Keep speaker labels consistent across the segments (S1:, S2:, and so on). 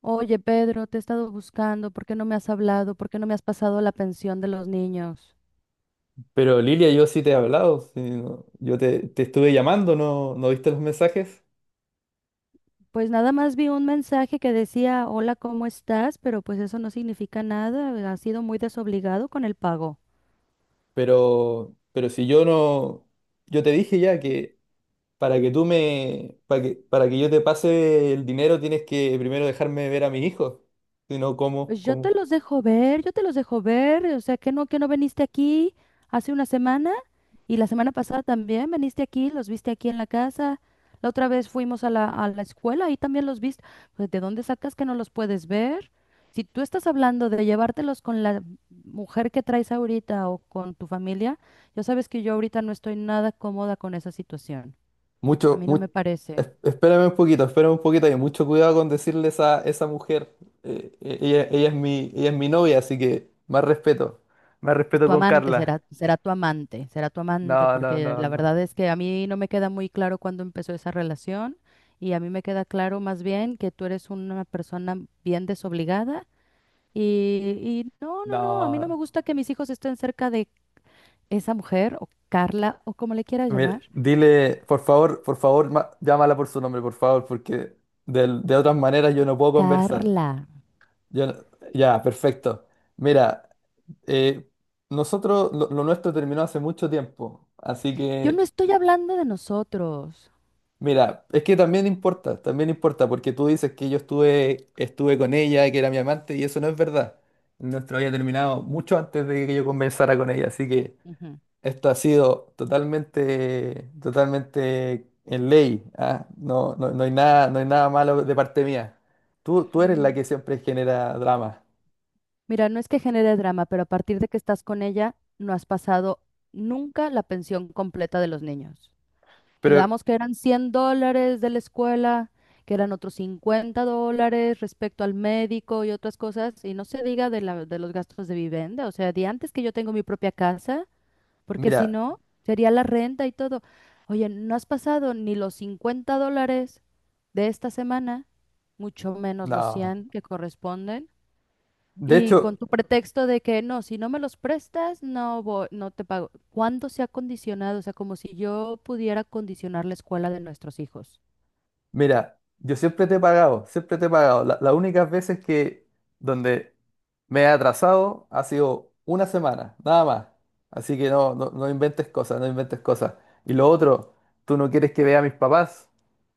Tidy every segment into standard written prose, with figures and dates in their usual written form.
S1: Oye, Pedro, te he estado buscando, ¿por qué no me has hablado? ¿Por qué no me has pasado la pensión de los niños?
S2: Pero Lilia, yo sí te he hablado, sí, yo te estuve llamando, no, no viste los mensajes,
S1: Pues nada más vi un mensaje que decía, hola, ¿cómo estás? Pero pues eso no significa nada, has sido muy desobligado con el pago.
S2: pero si yo no, yo te dije ya que para que tú me, para que yo te pase el dinero tienes que primero dejarme ver a mis hijos, si no, ¿cómo,
S1: Pues yo te
S2: cómo?
S1: los dejo ver, yo te los dejo ver, o sea, que no viniste aquí hace una semana. Y la semana pasada también viniste aquí, los viste aquí en la casa. La otra vez fuimos a la escuela y también los viste. Pues, ¿de dónde sacas que no los puedes ver? Si tú estás hablando de llevártelos con la mujer que traes ahorita o con tu familia, ya sabes que yo ahorita no estoy nada cómoda con esa situación. A
S2: Mucho,
S1: mí no me
S2: mucho,
S1: parece.
S2: espérame un poquito, y mucho cuidado con decirle esa mujer, ella es mi novia, así que más
S1: Pues
S2: respeto
S1: tu
S2: con
S1: amante
S2: Carla.
S1: será, será tu amante,
S2: No, no,
S1: porque
S2: no,
S1: la
S2: no.
S1: verdad es que a mí no me queda muy claro cuándo empezó esa relación y a mí me queda claro más bien que tú eres una persona bien desobligada y, y no, no, no, a mí no me
S2: No,
S1: gusta que mis hijos estén cerca de esa mujer o Carla o como le quieras
S2: mira,
S1: llamar.
S2: dile, por favor, por favor, llámala por su nombre, por favor, porque de otras maneras yo no puedo conversar.
S1: Carla,
S2: Yo no- ya, perfecto. Mira, eh, lo nuestro terminó hace mucho tiempo, así
S1: yo no
S2: que
S1: estoy hablando de nosotros.
S2: mira, es que también importa, porque tú dices que yo estuve con ella, que era mi amante, y eso no es verdad. Nuestro había terminado mucho antes de que yo conversara con ella, así que...
S1: Ujú.
S2: Esto ha sido totalmente, totalmente en ley, ¿ah? No, no, no hay nada, no hay nada malo de parte mía. Tú eres la que
S1: Mm.
S2: siempre genera drama.
S1: Mira, no es que genere drama, pero a partir de que estás con ella, no has pasado nunca la pensión completa de los niños.
S2: Pero
S1: Quedamos que eran $100 de la escuela, que eran otros $50 respecto al médico y otras cosas, y no se diga de la, de los gastos de vivienda, o sea, de antes que yo tengo mi propia casa, porque si
S2: mira,
S1: no, sería la renta y todo. Oye, no has pasado ni los $50 de esta semana, mucho menos los
S2: no.
S1: 100 que corresponden.
S2: De
S1: Y con
S2: hecho,
S1: tu pretexto de que no, si no me los prestas, no te pago. ¿Cuándo se ha condicionado? O sea, como si yo pudiera condicionar la escuela de nuestros hijos.
S2: mira, yo siempre te he pagado, siempre te he pagado. Las únicas veces que donde me he atrasado ha sido una semana, nada más. Así que no, no, no inventes cosas, no inventes cosas. Y lo otro, tú no quieres que vea a mis papás,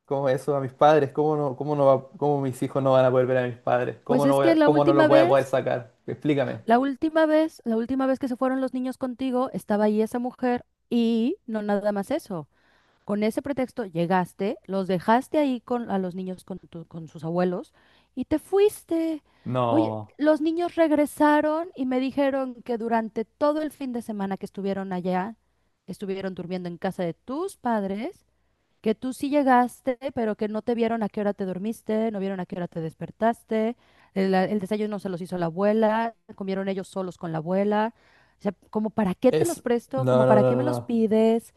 S2: como eso, a mis padres, cómo no, cómo mis hijos no van a poder ver a mis padres,
S1: Pues es que la
S2: cómo no los
S1: última
S2: voy a poder
S1: vez,
S2: sacar. Explícame.
S1: la última vez, la última vez que se fueron los niños contigo, estaba ahí esa mujer y no nada más eso. Con ese pretexto llegaste, los dejaste ahí con a los niños con, con sus abuelos y te fuiste. Oye,
S2: No,
S1: los niños regresaron y me dijeron que durante todo el fin de semana que estuvieron allá, estuvieron durmiendo en casa de tus padres, que tú sí llegaste, pero que no te vieron a qué hora te dormiste, no vieron a qué hora te despertaste, el desayuno se los hizo la abuela, comieron ellos solos con la abuela. O sea, como para qué te los
S2: es,
S1: presto,
S2: no,
S1: como
S2: no,
S1: para
S2: no,
S1: qué
S2: no,
S1: me los
S2: no,
S1: pides.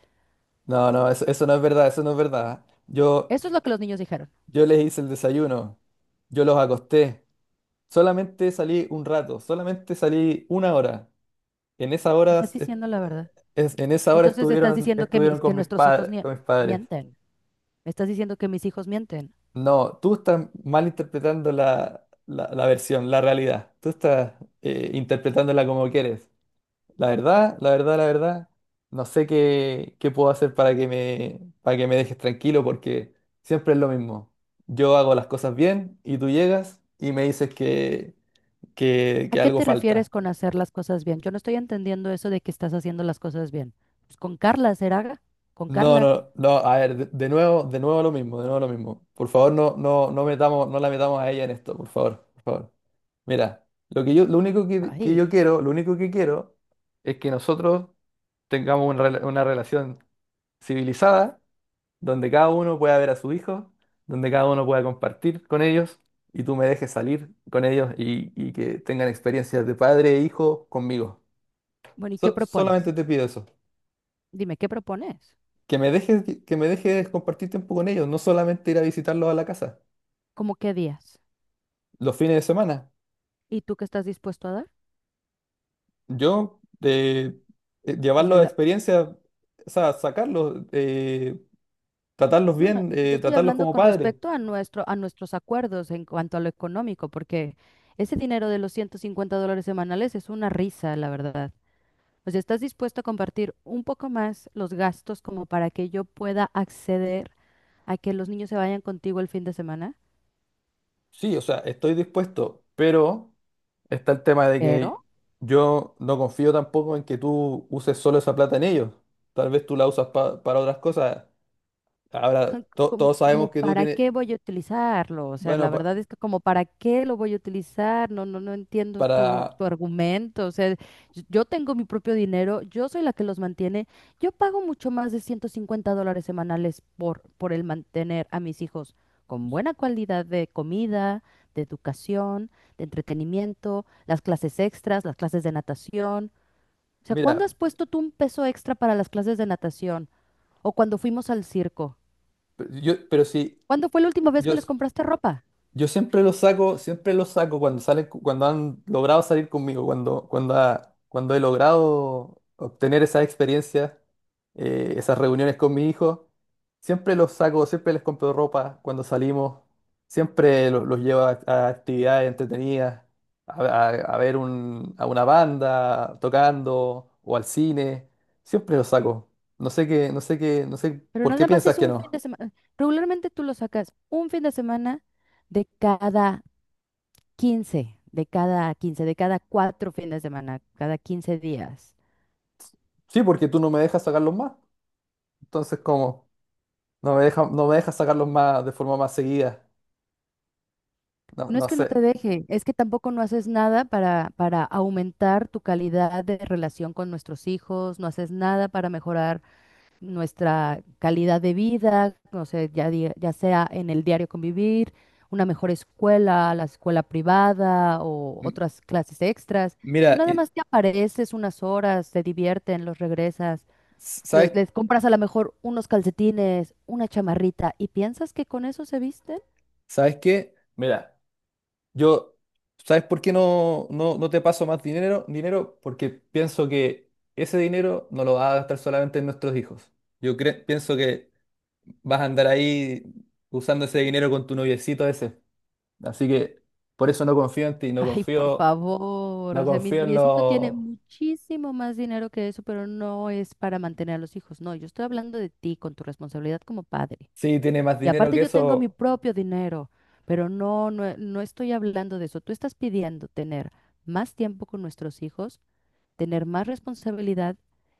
S2: no, no, eso no es verdad, eso no es verdad. Yo
S1: Eso es lo que los niños dijeron.
S2: Yo les hice el desayuno, yo los acosté, solamente salí un rato, solamente salí una hora. En esa hora,
S1: Estás
S2: es-
S1: diciendo la verdad.
S2: en esa hora
S1: Entonces estás
S2: estuvieron,
S1: diciendo que,
S2: estuvieron
S1: mis, que
S2: con
S1: nuestros hijos
S2: con mis padres.
S1: mienten. Me estás diciendo que mis hijos mienten.
S2: No, tú estás malinterpretando la versión, la realidad. Tú estás interpretándola como quieres. La verdad, la verdad, la verdad, no sé qué, qué puedo hacer para que me dejes tranquilo porque siempre es lo mismo. Yo hago las cosas bien y tú llegas y me dices que, que,
S1: ¿A
S2: que
S1: qué
S2: algo
S1: te refieres
S2: falta.
S1: con hacer las cosas bien? Yo no estoy entendiendo eso de que estás haciendo las cosas bien. Pues con Carla, ¿será? Con
S2: No,
S1: Carla.
S2: no, no, a ver, de nuevo, de nuevo lo mismo, de nuevo lo mismo. Por favor, no, no, no metamos, no la metamos a ella en esto, por favor, por favor. Mira, lo que yo, lo único que yo
S1: Ay.
S2: quiero, lo único que quiero es que nosotros tengamos una una relación civilizada donde cada uno pueda ver a su hijo, donde cada uno pueda compartir con ellos y tú me dejes salir con ellos y que tengan experiencias de padre e hijo conmigo.
S1: Bueno, ¿y qué
S2: Solamente
S1: propones?
S2: te pido eso,
S1: Dime, ¿qué propones?
S2: que me dejes, que me dejes compartir tiempo con ellos, no solamente ir a visitarlos a la casa,
S1: ¿Cómo qué días?
S2: los fines de semana.
S1: ¿Y tú qué estás dispuesto a dar?
S2: Yo
S1: O sea,
S2: llevarlos a
S1: la-
S2: experiencias, o sea, sacarlos, tratarlos
S1: no, no,
S2: bien,
S1: yo estoy
S2: tratarlos
S1: hablando
S2: como
S1: con
S2: padres.
S1: respecto a nuestro, a nuestros acuerdos en cuanto a lo económico, porque ese dinero de los $150 semanales es una risa, la verdad. O sea, ¿estás dispuesto a compartir un poco más los gastos como para que yo pueda acceder a que los niños se vayan contigo el fin de semana?
S2: Sí, o sea, estoy dispuesto, pero... está el tema de que
S1: Pero
S2: yo no confío tampoco en que tú uses solo esa plata en ellos. Tal vez tú la usas para otras cosas. Ahora,
S1: ja,
S2: to-
S1: como,
S2: todos
S1: como
S2: sabemos que tú
S1: para
S2: tienes,
S1: qué voy a utilizarlo, o sea,
S2: bueno,
S1: la
S2: pa-
S1: verdad es que como para qué lo voy a utilizar, no, no, no entiendo tu,
S2: para,
S1: tu argumento, o sea, yo tengo mi propio dinero, yo soy la que los mantiene, yo pago mucho más de $150 semanales por el mantener a mis hijos con buena calidad de comida, de educación, de entretenimiento, las clases extras, las clases de natación, o sea, ¿cuándo
S2: mira,
S1: has puesto tú un peso extra para las clases de natación o cuando fuimos al circo?
S2: pe- yo, pero si
S1: ¿Cuándo fue la última vez
S2: yo,
S1: que les compraste ropa?
S2: yo siempre los saco cuando salen, cuando han logrado salir conmigo, cuando he logrado obtener esas experiencias, esas reuniones con mi hijo, siempre los saco, siempre les compro ropa cuando salimos, siempre los llevo a actividades entretenidas, a ver a una banda tocando o al cine, siempre los saco. No sé qué, no sé qué, no sé
S1: Pero
S2: por qué
S1: nada más
S2: piensas
S1: es
S2: que
S1: un fin
S2: no.
S1: de semana. Regularmente tú lo sacas un fin de semana de cada 15, de cada 15, de cada cuatro fines de semana, cada 15 días.
S2: Sí, porque tú no me dejas sacarlos más, entonces ¿cómo? No me deja, no me deja sacarlos más de forma más seguida. No,
S1: No es
S2: no
S1: que no
S2: sé.
S1: te deje, es que tampoco no haces nada para, para aumentar tu calidad de relación con nuestros hijos, no haces nada para mejorar nuestra calidad de vida, o sea, ya, ya sea en el diario convivir, una mejor escuela, la escuela privada o
S2: M-
S1: otras clases extras. Tú
S2: Mira,
S1: nada más te apareces unas horas, te divierten, los regresas,
S2: ¿sabes,
S1: les compras a lo mejor unos calcetines, una chamarrita y piensas que con eso se visten.
S2: sabes qué? Mira, yo, ¿sabes por qué no, no, no te paso más dinero? Dinero porque pienso que ese dinero no lo vas a gastar solamente en nuestros hijos. Yo pienso que vas a andar ahí usando ese dinero con tu noviecito ese. Así que por eso no confío en ti, no
S1: Ay, por
S2: confío,
S1: favor,
S2: no
S1: o sea, mi
S2: confío en
S1: noviecito tiene
S2: los...
S1: muchísimo más dinero que eso, pero no es para mantener a los hijos. No, yo estoy hablando de ti con tu responsabilidad como padre.
S2: Sí, tiene más
S1: Y
S2: dinero
S1: aparte
S2: que
S1: yo tengo mi
S2: eso.
S1: propio dinero, pero no, no, no estoy hablando de eso. Tú estás pidiendo tener más tiempo con nuestros hijos, tener más responsabilidad.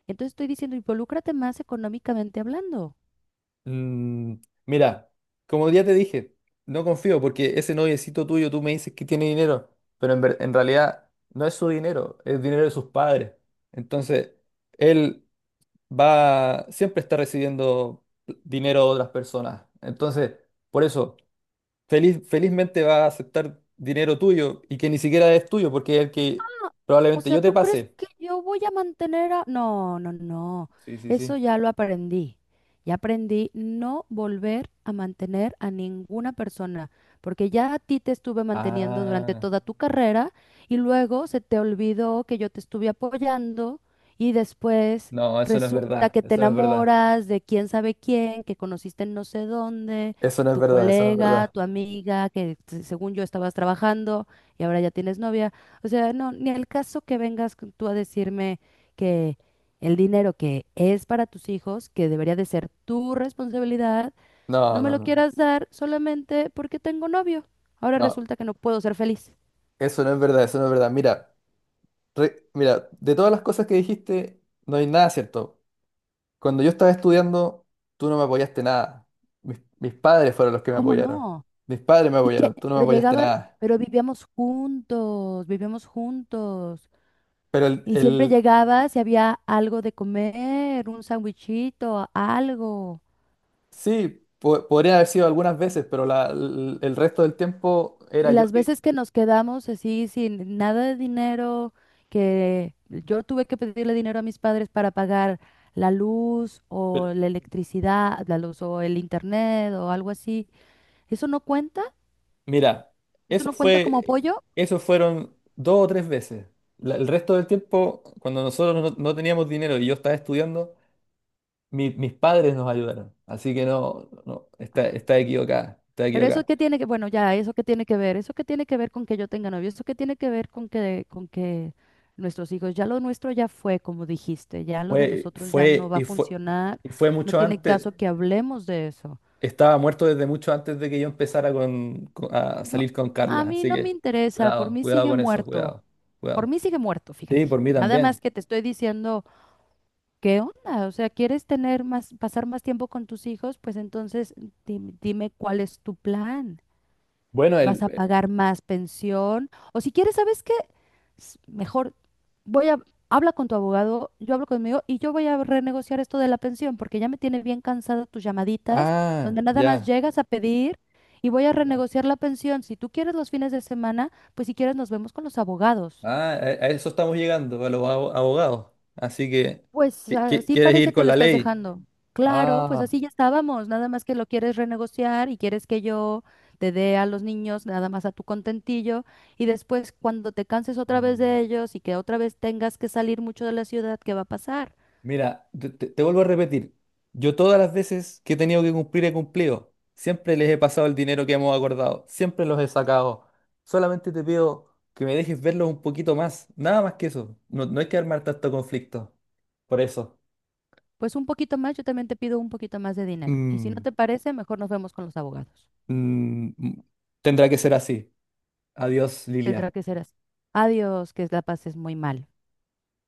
S1: Entonces estoy diciendo, involúcrate más económicamente hablando.
S2: Mm, mira, como ya te dije, no confío porque ese noviecito tuyo, tú me dices que tiene dinero, pero en realidad no es su dinero, es dinero de sus padres. Entonces, él va, siempre está recibiendo dinero de otras personas. Entonces, por eso, feliz, felizmente va a aceptar dinero tuyo y que ni siquiera es tuyo porque es el que
S1: O
S2: probablemente
S1: sea,
S2: yo te
S1: ¿tú crees
S2: pase.
S1: que yo voy a mantener a...? No, no, no.
S2: Sí, sí, sí.
S1: Eso ya lo aprendí. Ya aprendí no volver a mantener a ninguna persona, porque ya a ti te estuve manteniendo durante
S2: Ah,
S1: toda tu carrera y luego se te olvidó que yo te estuve apoyando y después
S2: no, eso no es
S1: resulta
S2: verdad,
S1: que te
S2: eso no es verdad.
S1: enamoras de quién sabe quién, que conociste en no sé dónde,
S2: Eso no es
S1: tu
S2: verdad, eso no es
S1: colega,
S2: verdad.
S1: tu amiga, que según yo estabas trabajando y ahora ya tienes novia. O sea, no, ni al caso que vengas tú a decirme que el dinero que es para tus hijos, que debería de ser tu responsabilidad,
S2: No,
S1: no me
S2: no,
S1: lo
S2: no.
S1: quieras dar solamente porque tengo novio. Ahora
S2: No,
S1: resulta que no puedo ser feliz.
S2: eso no es verdad, eso no es verdad. Mira, mira, de todas las cosas que dijiste, no hay nada cierto. Cuando yo estaba estudiando, tú no me apoyaste nada. Mis padres fueron los que me
S1: ¿Cómo
S2: apoyaron.
S1: no?
S2: Mis padres me
S1: Y
S2: apoyaron,
S1: que,
S2: tú no me
S1: pero
S2: apoyaste
S1: llegaba,
S2: nada.
S1: pero vivíamos juntos, vivíamos juntos.
S2: Pero el,
S1: Y siempre
S2: el-
S1: llegabas y había algo de comer, un sandwichito, algo.
S2: sí, podría haber sido algunas veces, pero el resto del tiempo era
S1: Y
S2: yo
S1: las
S2: que...
S1: veces que nos quedamos así sin nada de dinero, que yo tuve que pedirle dinero a mis padres para pagar la luz
S2: pero,
S1: o la electricidad, la luz o el internet o algo así, ¿eso no cuenta?
S2: mira,
S1: ¿Eso
S2: eso
S1: no cuenta como
S2: fue,
S1: apoyo?
S2: eso fueron dos o tres veces. El resto del tiempo, cuando nosotros no teníamos dinero y yo estaba estudiando, mis padres nos ayudaron, así que no, no, está, está equivocada, está
S1: Pero eso
S2: equivocada.
S1: qué tiene que, bueno, ya, eso qué tiene que ver, eso qué tiene que ver con que yo tenga novio, eso qué tiene que ver con que nuestros hijos, ya lo nuestro ya fue, como dijiste, ya lo de
S2: Fue,
S1: nosotros ya no
S2: fue,
S1: va a
S2: y fue,
S1: funcionar,
S2: y fue
S1: no
S2: mucho
S1: tiene
S2: antes,
S1: caso que hablemos de eso.
S2: estaba muerto desde mucho antes de que yo empezara a
S1: No,
S2: salir con
S1: a
S2: Carla,
S1: mí
S2: así
S1: no me
S2: que
S1: interesa, por
S2: cuidado,
S1: mí
S2: cuidado
S1: sigue
S2: con eso,
S1: muerto,
S2: cuidado,
S1: por
S2: cuidado.
S1: mí sigue muerto,
S2: Sí,
S1: fíjate.
S2: por mí
S1: Nada
S2: también.
S1: más que te estoy diciendo, ¿qué onda? O sea, ¿quieres tener más, pasar más tiempo con tus hijos? Pues entonces dime cuál es tu plan
S2: Bueno,
S1: vas a pagar más pensión. O si quieres, ¿sabes qué? Mejor voy a, habla con tu abogado, yo hablo conmigo y yo voy a renegociar esto de la pensión porque ya me tiene bien cansada tus llamaditas,
S2: ah,
S1: donde nada más
S2: ya,
S1: llegas a pedir y voy a
S2: ya.
S1: renegociar la pensión. Si tú quieres los fines de semana, pues si quieres nos vemos con los abogados.
S2: Ah, a eso estamos llegando, a los abogados, así que,
S1: Pues así
S2: ¿quieres ir
S1: parece que
S2: con
S1: lo
S2: la
S1: estás
S2: ley?
S1: dejando. Claro, pues
S2: Ah.
S1: así ya estábamos, nada más que lo quieres renegociar y quieres que yo te dé a los niños nada más a tu contentillo y después cuando te canses otra vez
S2: Mm.
S1: de ellos y que otra vez tengas que salir mucho de la ciudad, ¿qué va a pasar?
S2: Mira, te vuelvo a repetir, yo todas las veces que he tenido que cumplir he cumplido, siempre les he pasado el dinero que hemos acordado, siempre los he sacado, solamente te pido que me dejes verlos un poquito más, nada más que eso, no, no hay que armar tanto conflicto, por eso.
S1: Pues un poquito más, yo también te pido un poquito más de dinero. Y si no
S2: Mm,
S1: te parece, mejor nos vemos con los abogados.
S2: mm, mm, tendrá que ser así. Adiós,
S1: Tendrá
S2: Lilia.
S1: que ser así. Adiós, que la pases muy mal.